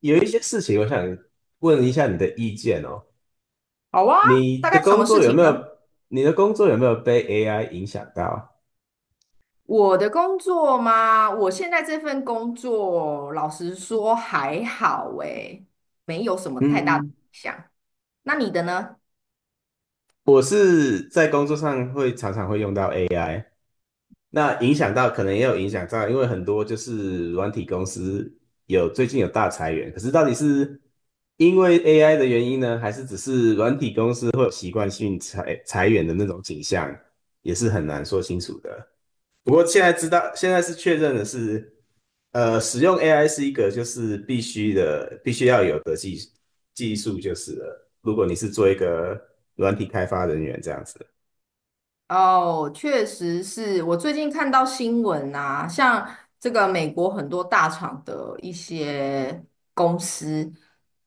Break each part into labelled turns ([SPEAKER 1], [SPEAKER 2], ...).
[SPEAKER 1] 有一些事情，我想问一下你的意见哦。
[SPEAKER 2] 好啊，
[SPEAKER 1] 你
[SPEAKER 2] 大
[SPEAKER 1] 的
[SPEAKER 2] 概什
[SPEAKER 1] 工
[SPEAKER 2] 么事
[SPEAKER 1] 作有没
[SPEAKER 2] 情呢？
[SPEAKER 1] 有，你的工作有没有被 AI 影响到？
[SPEAKER 2] 我的工作吗？我现在这份工作，老实说还好诶，没有什么太大的
[SPEAKER 1] 嗯，
[SPEAKER 2] 影响。那你的呢？
[SPEAKER 1] 我是在工作上常常会用到 AI，那影响到可能也有影响到，因为很多就是软体公司最近有大裁员，可是到底是因为 AI 的原因呢，还是只是软体公司会有习惯性裁员的那种景象，也是很难说清楚的。不过现在知道，现在是确认的是，使用 AI 是一个就是必须的，必须要有的技术就是了。如果你是做一个软体开发人员这样子。
[SPEAKER 2] 哦，确实是我最近看到新闻啊，像这个美国很多大厂的一些公司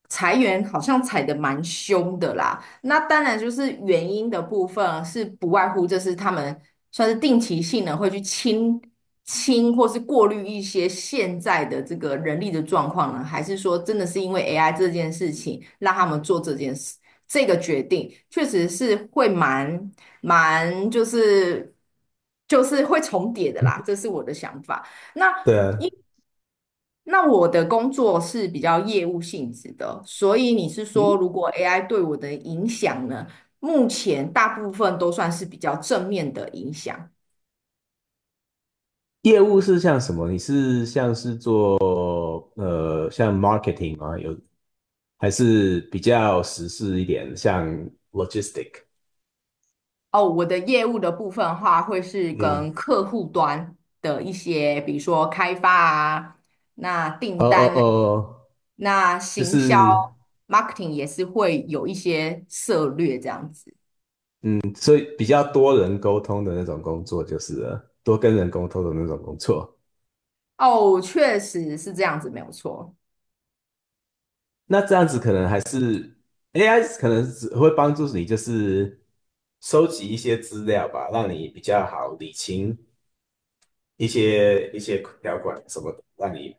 [SPEAKER 2] 裁员，好像裁得蛮凶的啦。那当然就是原因的部分啊是不外乎就是他们算是定期性的会去清或是过滤一些现在的这个人力的状况呢，还是说真的是因为 AI 这件事情让他们做这件事这个决定，确实是会蛮就是会重叠的啦，这是我的想法。那
[SPEAKER 1] 对啊。
[SPEAKER 2] 那我的工作是比较业务性质的，所以你是说，
[SPEAKER 1] 嗯，
[SPEAKER 2] 如果 AI 对我的影响呢？目前大部分都算是比较正面的影响
[SPEAKER 1] 业务是像什么？你是像是做像 marketing 吗？有还是比较时事一点，像 logistic？
[SPEAKER 2] 哦。我的业务的部分的话，会是
[SPEAKER 1] 嗯。
[SPEAKER 2] 跟客户端的一些，比如说开发啊，那
[SPEAKER 1] 呃
[SPEAKER 2] 订
[SPEAKER 1] 呃
[SPEAKER 2] 单啊，
[SPEAKER 1] 呃，
[SPEAKER 2] 那
[SPEAKER 1] 就
[SPEAKER 2] 行销
[SPEAKER 1] 是
[SPEAKER 2] marketing 也是会有一些策略这样子。
[SPEAKER 1] 嗯所以比较多人沟通的那种工作就是了，多跟人沟通的那种工作。
[SPEAKER 2] 哦，确实是这样子，没有错。
[SPEAKER 1] 那这样子可能还是 AI 可能只会帮助你，就是收集一些资料吧，让你比较好理清一些条款什么的，让你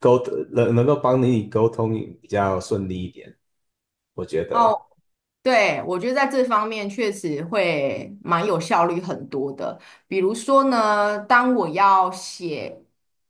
[SPEAKER 1] 沟通能够帮你沟通比较顺利一点，我觉得。
[SPEAKER 2] 哦。对，我觉得在这方面确实会蛮有效率很多的。比如说呢，当我要写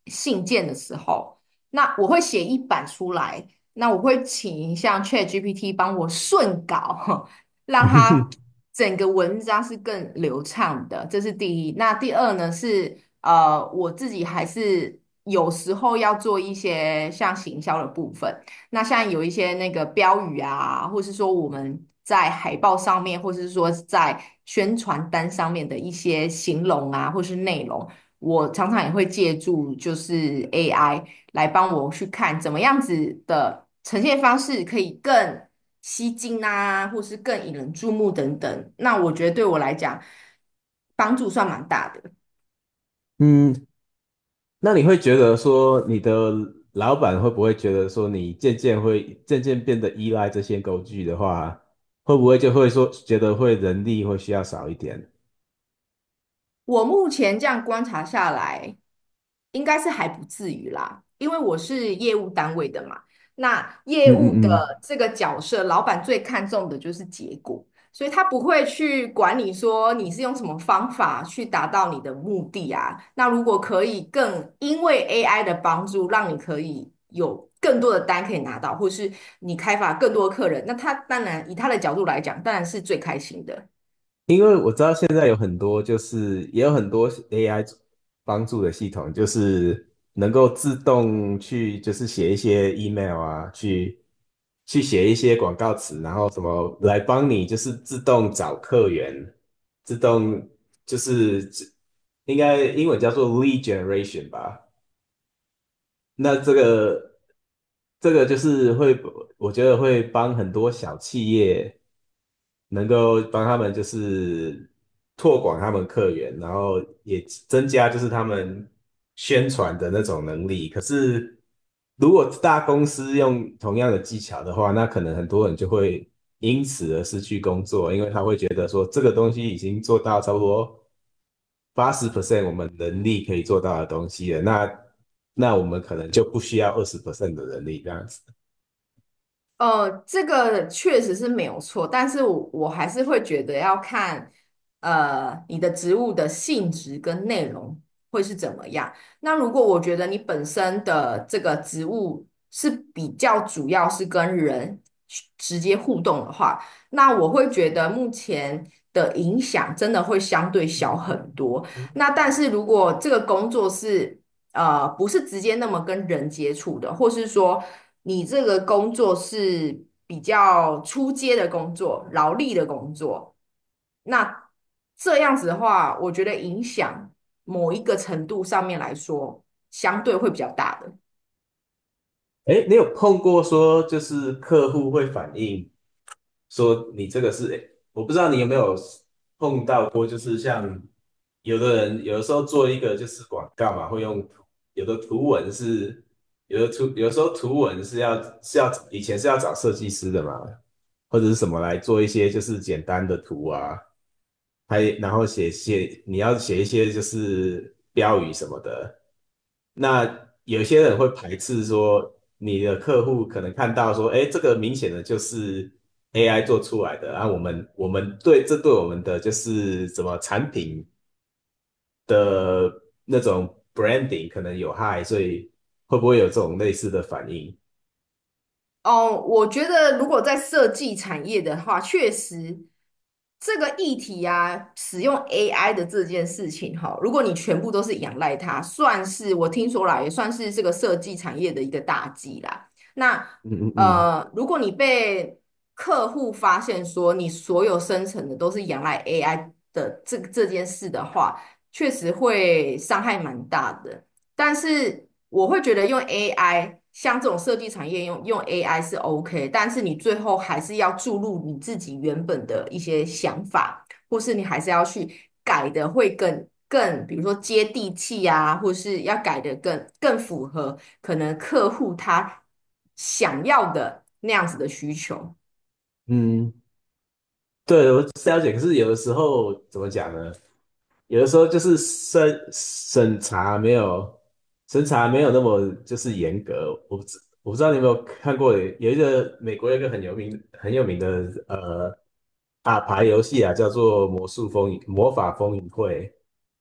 [SPEAKER 2] 信件的时候，那我会写一版出来，那我会请像 ChatGPT 帮我顺稿，让它 整个文章是更流畅的，这是第一。那第二呢是，我自己还是有时候要做一些像行销的部分。那像有一些那个标语啊，或是说我们在海报上面，或是说在宣传单上面的一些形容啊，或是内容，我常常也会借助就是 AI 来帮我去看怎么样子的呈现方式可以更吸睛啊，或是更引人注目等等。那我觉得对我来讲，帮助算蛮大的。
[SPEAKER 1] 嗯，那你会觉得说，你的老板会不会觉得说，你渐渐变得依赖这些工具的话，会不会就会说觉得会人力会需要少一点？
[SPEAKER 2] 我目前这样观察下来，应该是还不至于啦，因为我是业务单位的嘛。那业
[SPEAKER 1] 嗯
[SPEAKER 2] 务的
[SPEAKER 1] 嗯嗯。
[SPEAKER 2] 这个角色，老板最看重的就是结果，所以他不会去管你说你是用什么方法去达到你的目的啊。那如果可以更因为 AI 的帮助，让你可以有更多的单可以拿到，或是你开发更多的客人，那他当然以他的角度来讲，当然是最开心的。
[SPEAKER 1] 因为我知道现在有很多，就是也有很多 AI 帮助的系统，就是能够自动去，就是写一些 email 啊，去写一些广告词，然后什么来帮你，就是自动找客源，自动就是应该英文叫做 lead generation 吧。那这个就是会，我觉得会帮很多小企业。能够帮他们就是拓广他们客源，然后也增加就是他们宣传的那种能力。可是如果大公司用同样的技巧的话，那可能很多人就会因此而失去工作，因为他会觉得说这个东西已经做到差不多80% 我们能力可以做到的东西了，那我们可能就不需要20% 的能力这样子。
[SPEAKER 2] 这个确实是没有错，但是我还是会觉得要看，你的职务的性质跟内容会是怎么样。那如果我觉得你本身的这个职务是比较主要是跟人去直接互动的话，那我会觉得目前的影响真的会相对小很多。那但是如果这个工作是，不是直接那么跟人接触的，或是说你这个工作是比较出街的工作、劳力的工作，那这样子的话，我觉得影响某一个程度上面来说，相对会比较大的。
[SPEAKER 1] 哎，你有碰过说就是客户会反映？说你这个是，诶我不知道你有没有碰到过，就是像有的人有的时候做一个就是广告嘛，会用图有的图文是有的图，有的时候图文是要以前是要找设计师的嘛，或者是什么来做一些就是简单的图啊，还然后你要写一些就是标语什么的。那有些人会排斥说，你的客户可能看到说，哎，这个明显的就是 AI 做出来的。啊，我们对我们的就是什么产品的那种 branding 可能有害，所以会不会有这种类似的反应？
[SPEAKER 2] 哦，我觉得如果在设计产业的话，确实这个议题啊，使用 AI 的这件事情哈，如果你全部都是仰赖它，算是我听说啦，也算是这个设计产业的一个大忌啦。那
[SPEAKER 1] 嗯嗯
[SPEAKER 2] 如果你被客户发现说你所有生成的都是仰赖 AI 的这件事的话，确实会伤害蛮大的。但是我会觉得用 AI,像这种设计产业用 AI 是 OK,但是你最后还是要注入你自己原本的一些想法，或是你还是要去改的会更，比如说接地气啊，或是要改的更符合可能客户他想要的那样子的需求。
[SPEAKER 1] 嗯嗯。对，我是了解。可是有的时候怎么讲呢？有的时候就是审查没有那么就是严格。我不知道你有没有看过，有一个美国有一个很有名很有名的呃打牌游戏啊，叫做魔法风云会，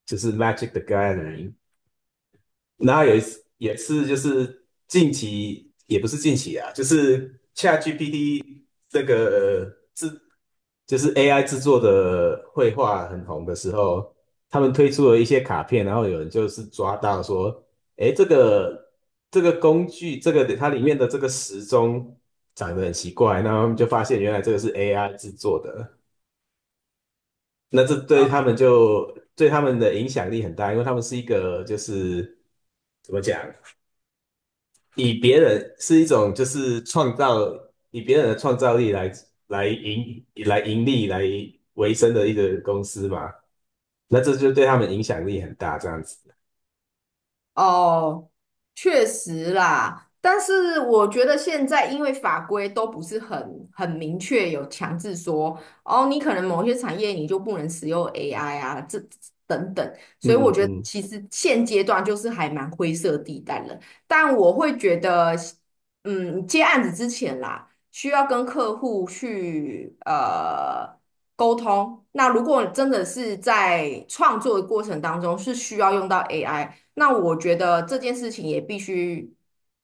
[SPEAKER 1] 就是 Magic the Gathering。然后有一次也是就是近期也不是近期啊，就是 ChatGPT 这个呃制就是 AI 制作的绘画很红的时候，他们推出了一些卡片，然后有人就是抓到说，诶，这个工具，这个它里面的这个时钟长得很奇怪，然后他们就发现原来这个是 AI 制作的。那这对
[SPEAKER 2] 呃。
[SPEAKER 1] 他们就对他们的影响力很大，因为他们是一个就是怎么讲，以别人是一种就是创造，以别人的创造力来盈利来维生的一个公司嘛，那这就对他们影响力很大，这样子。
[SPEAKER 2] 哦，确实啦，但是我觉得现在因为法规都不是很明确，有强制说哦，你可能某些产业你就不能使用 AI 啊，这等等，
[SPEAKER 1] 嗯
[SPEAKER 2] 所以我
[SPEAKER 1] 嗯
[SPEAKER 2] 觉得
[SPEAKER 1] 嗯
[SPEAKER 2] 其实现阶段就是还蛮灰色地带了。但我会觉得，接案子之前啦，需要跟客户去沟通。那如果真的是在创作的过程当中是需要用到 AI,那我觉得这件事情也必须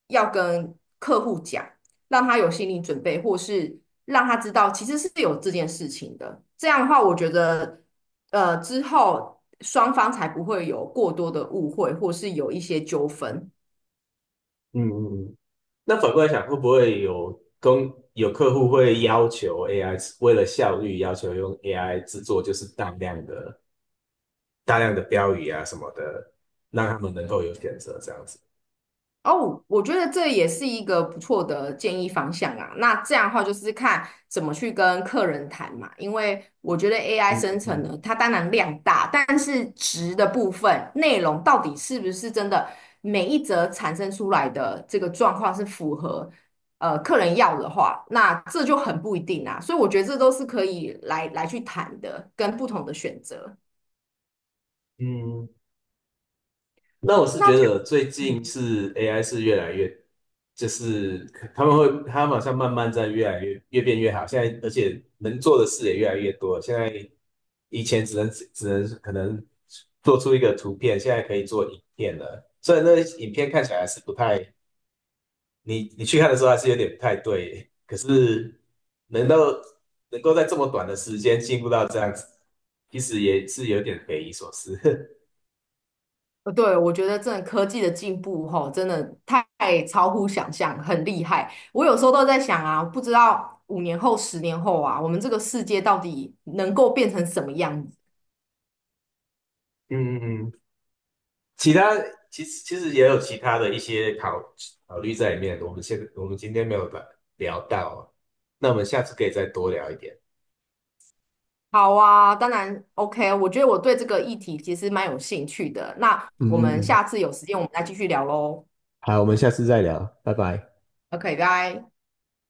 [SPEAKER 2] 要跟客户讲，让他有心理准备，或是让他知道其实是有这件事情的。这样的话，我觉得之后双方才不会有过多的误会，或是有一些纠纷。
[SPEAKER 1] 嗯嗯嗯。那反过来想，会不会有客户会要求 AI 为了效率要求用 AI 制作就是大量的标语啊什么的，让他们能够有选择这样子？
[SPEAKER 2] 哦，我觉得这也是一个不错的建议方向啊。那这样的话，就是看怎么去跟客人谈嘛。因为我觉得 AI
[SPEAKER 1] 嗯
[SPEAKER 2] 生
[SPEAKER 1] 嗯
[SPEAKER 2] 成
[SPEAKER 1] 嗯。
[SPEAKER 2] 呢，它当然量大，但是值的部分内容到底是不是真的每一则产生出来的这个状况是符合客人要的话，那这就很不一定啊。所以我觉得这都是可以来来去谈的，跟不同的选择。
[SPEAKER 1] 嗯，那我是
[SPEAKER 2] 那
[SPEAKER 1] 觉
[SPEAKER 2] 这
[SPEAKER 1] 得最
[SPEAKER 2] 样
[SPEAKER 1] 近
[SPEAKER 2] 嗯
[SPEAKER 1] 是 AI 是越来越，就是他们会，他们好像慢慢在越来越变越好。现在而且能做的事也越来越多了，现在以前只能可能做出一个图片，现在可以做影片了。虽然那个影片看起来还是不太，你去看的时候还是有点不太对，可是能够能够在这么短的时间进步到这样子，其实也是有点匪夷所思。
[SPEAKER 2] 呃，对，我觉得真的科技的进步吼，真的太超乎想象，很厉害。我有时候都在想啊，不知道5年后、10年后啊，我们这个世界到底能够变成什么样子？
[SPEAKER 1] 嗯嗯嗯。其他其实也有其他的一些考虑在里面，我们今天没有聊到哦，那我们下次可以再多聊一点。
[SPEAKER 2] 好啊，当然 OK,我觉得我对这个议题其实蛮有兴趣的。那
[SPEAKER 1] 嗯
[SPEAKER 2] 我
[SPEAKER 1] 嗯
[SPEAKER 2] 们
[SPEAKER 1] 嗯，
[SPEAKER 2] 下次有时间，我们再继续聊喽。
[SPEAKER 1] 好，我们下次再聊，拜拜。
[SPEAKER 2] OK,拜。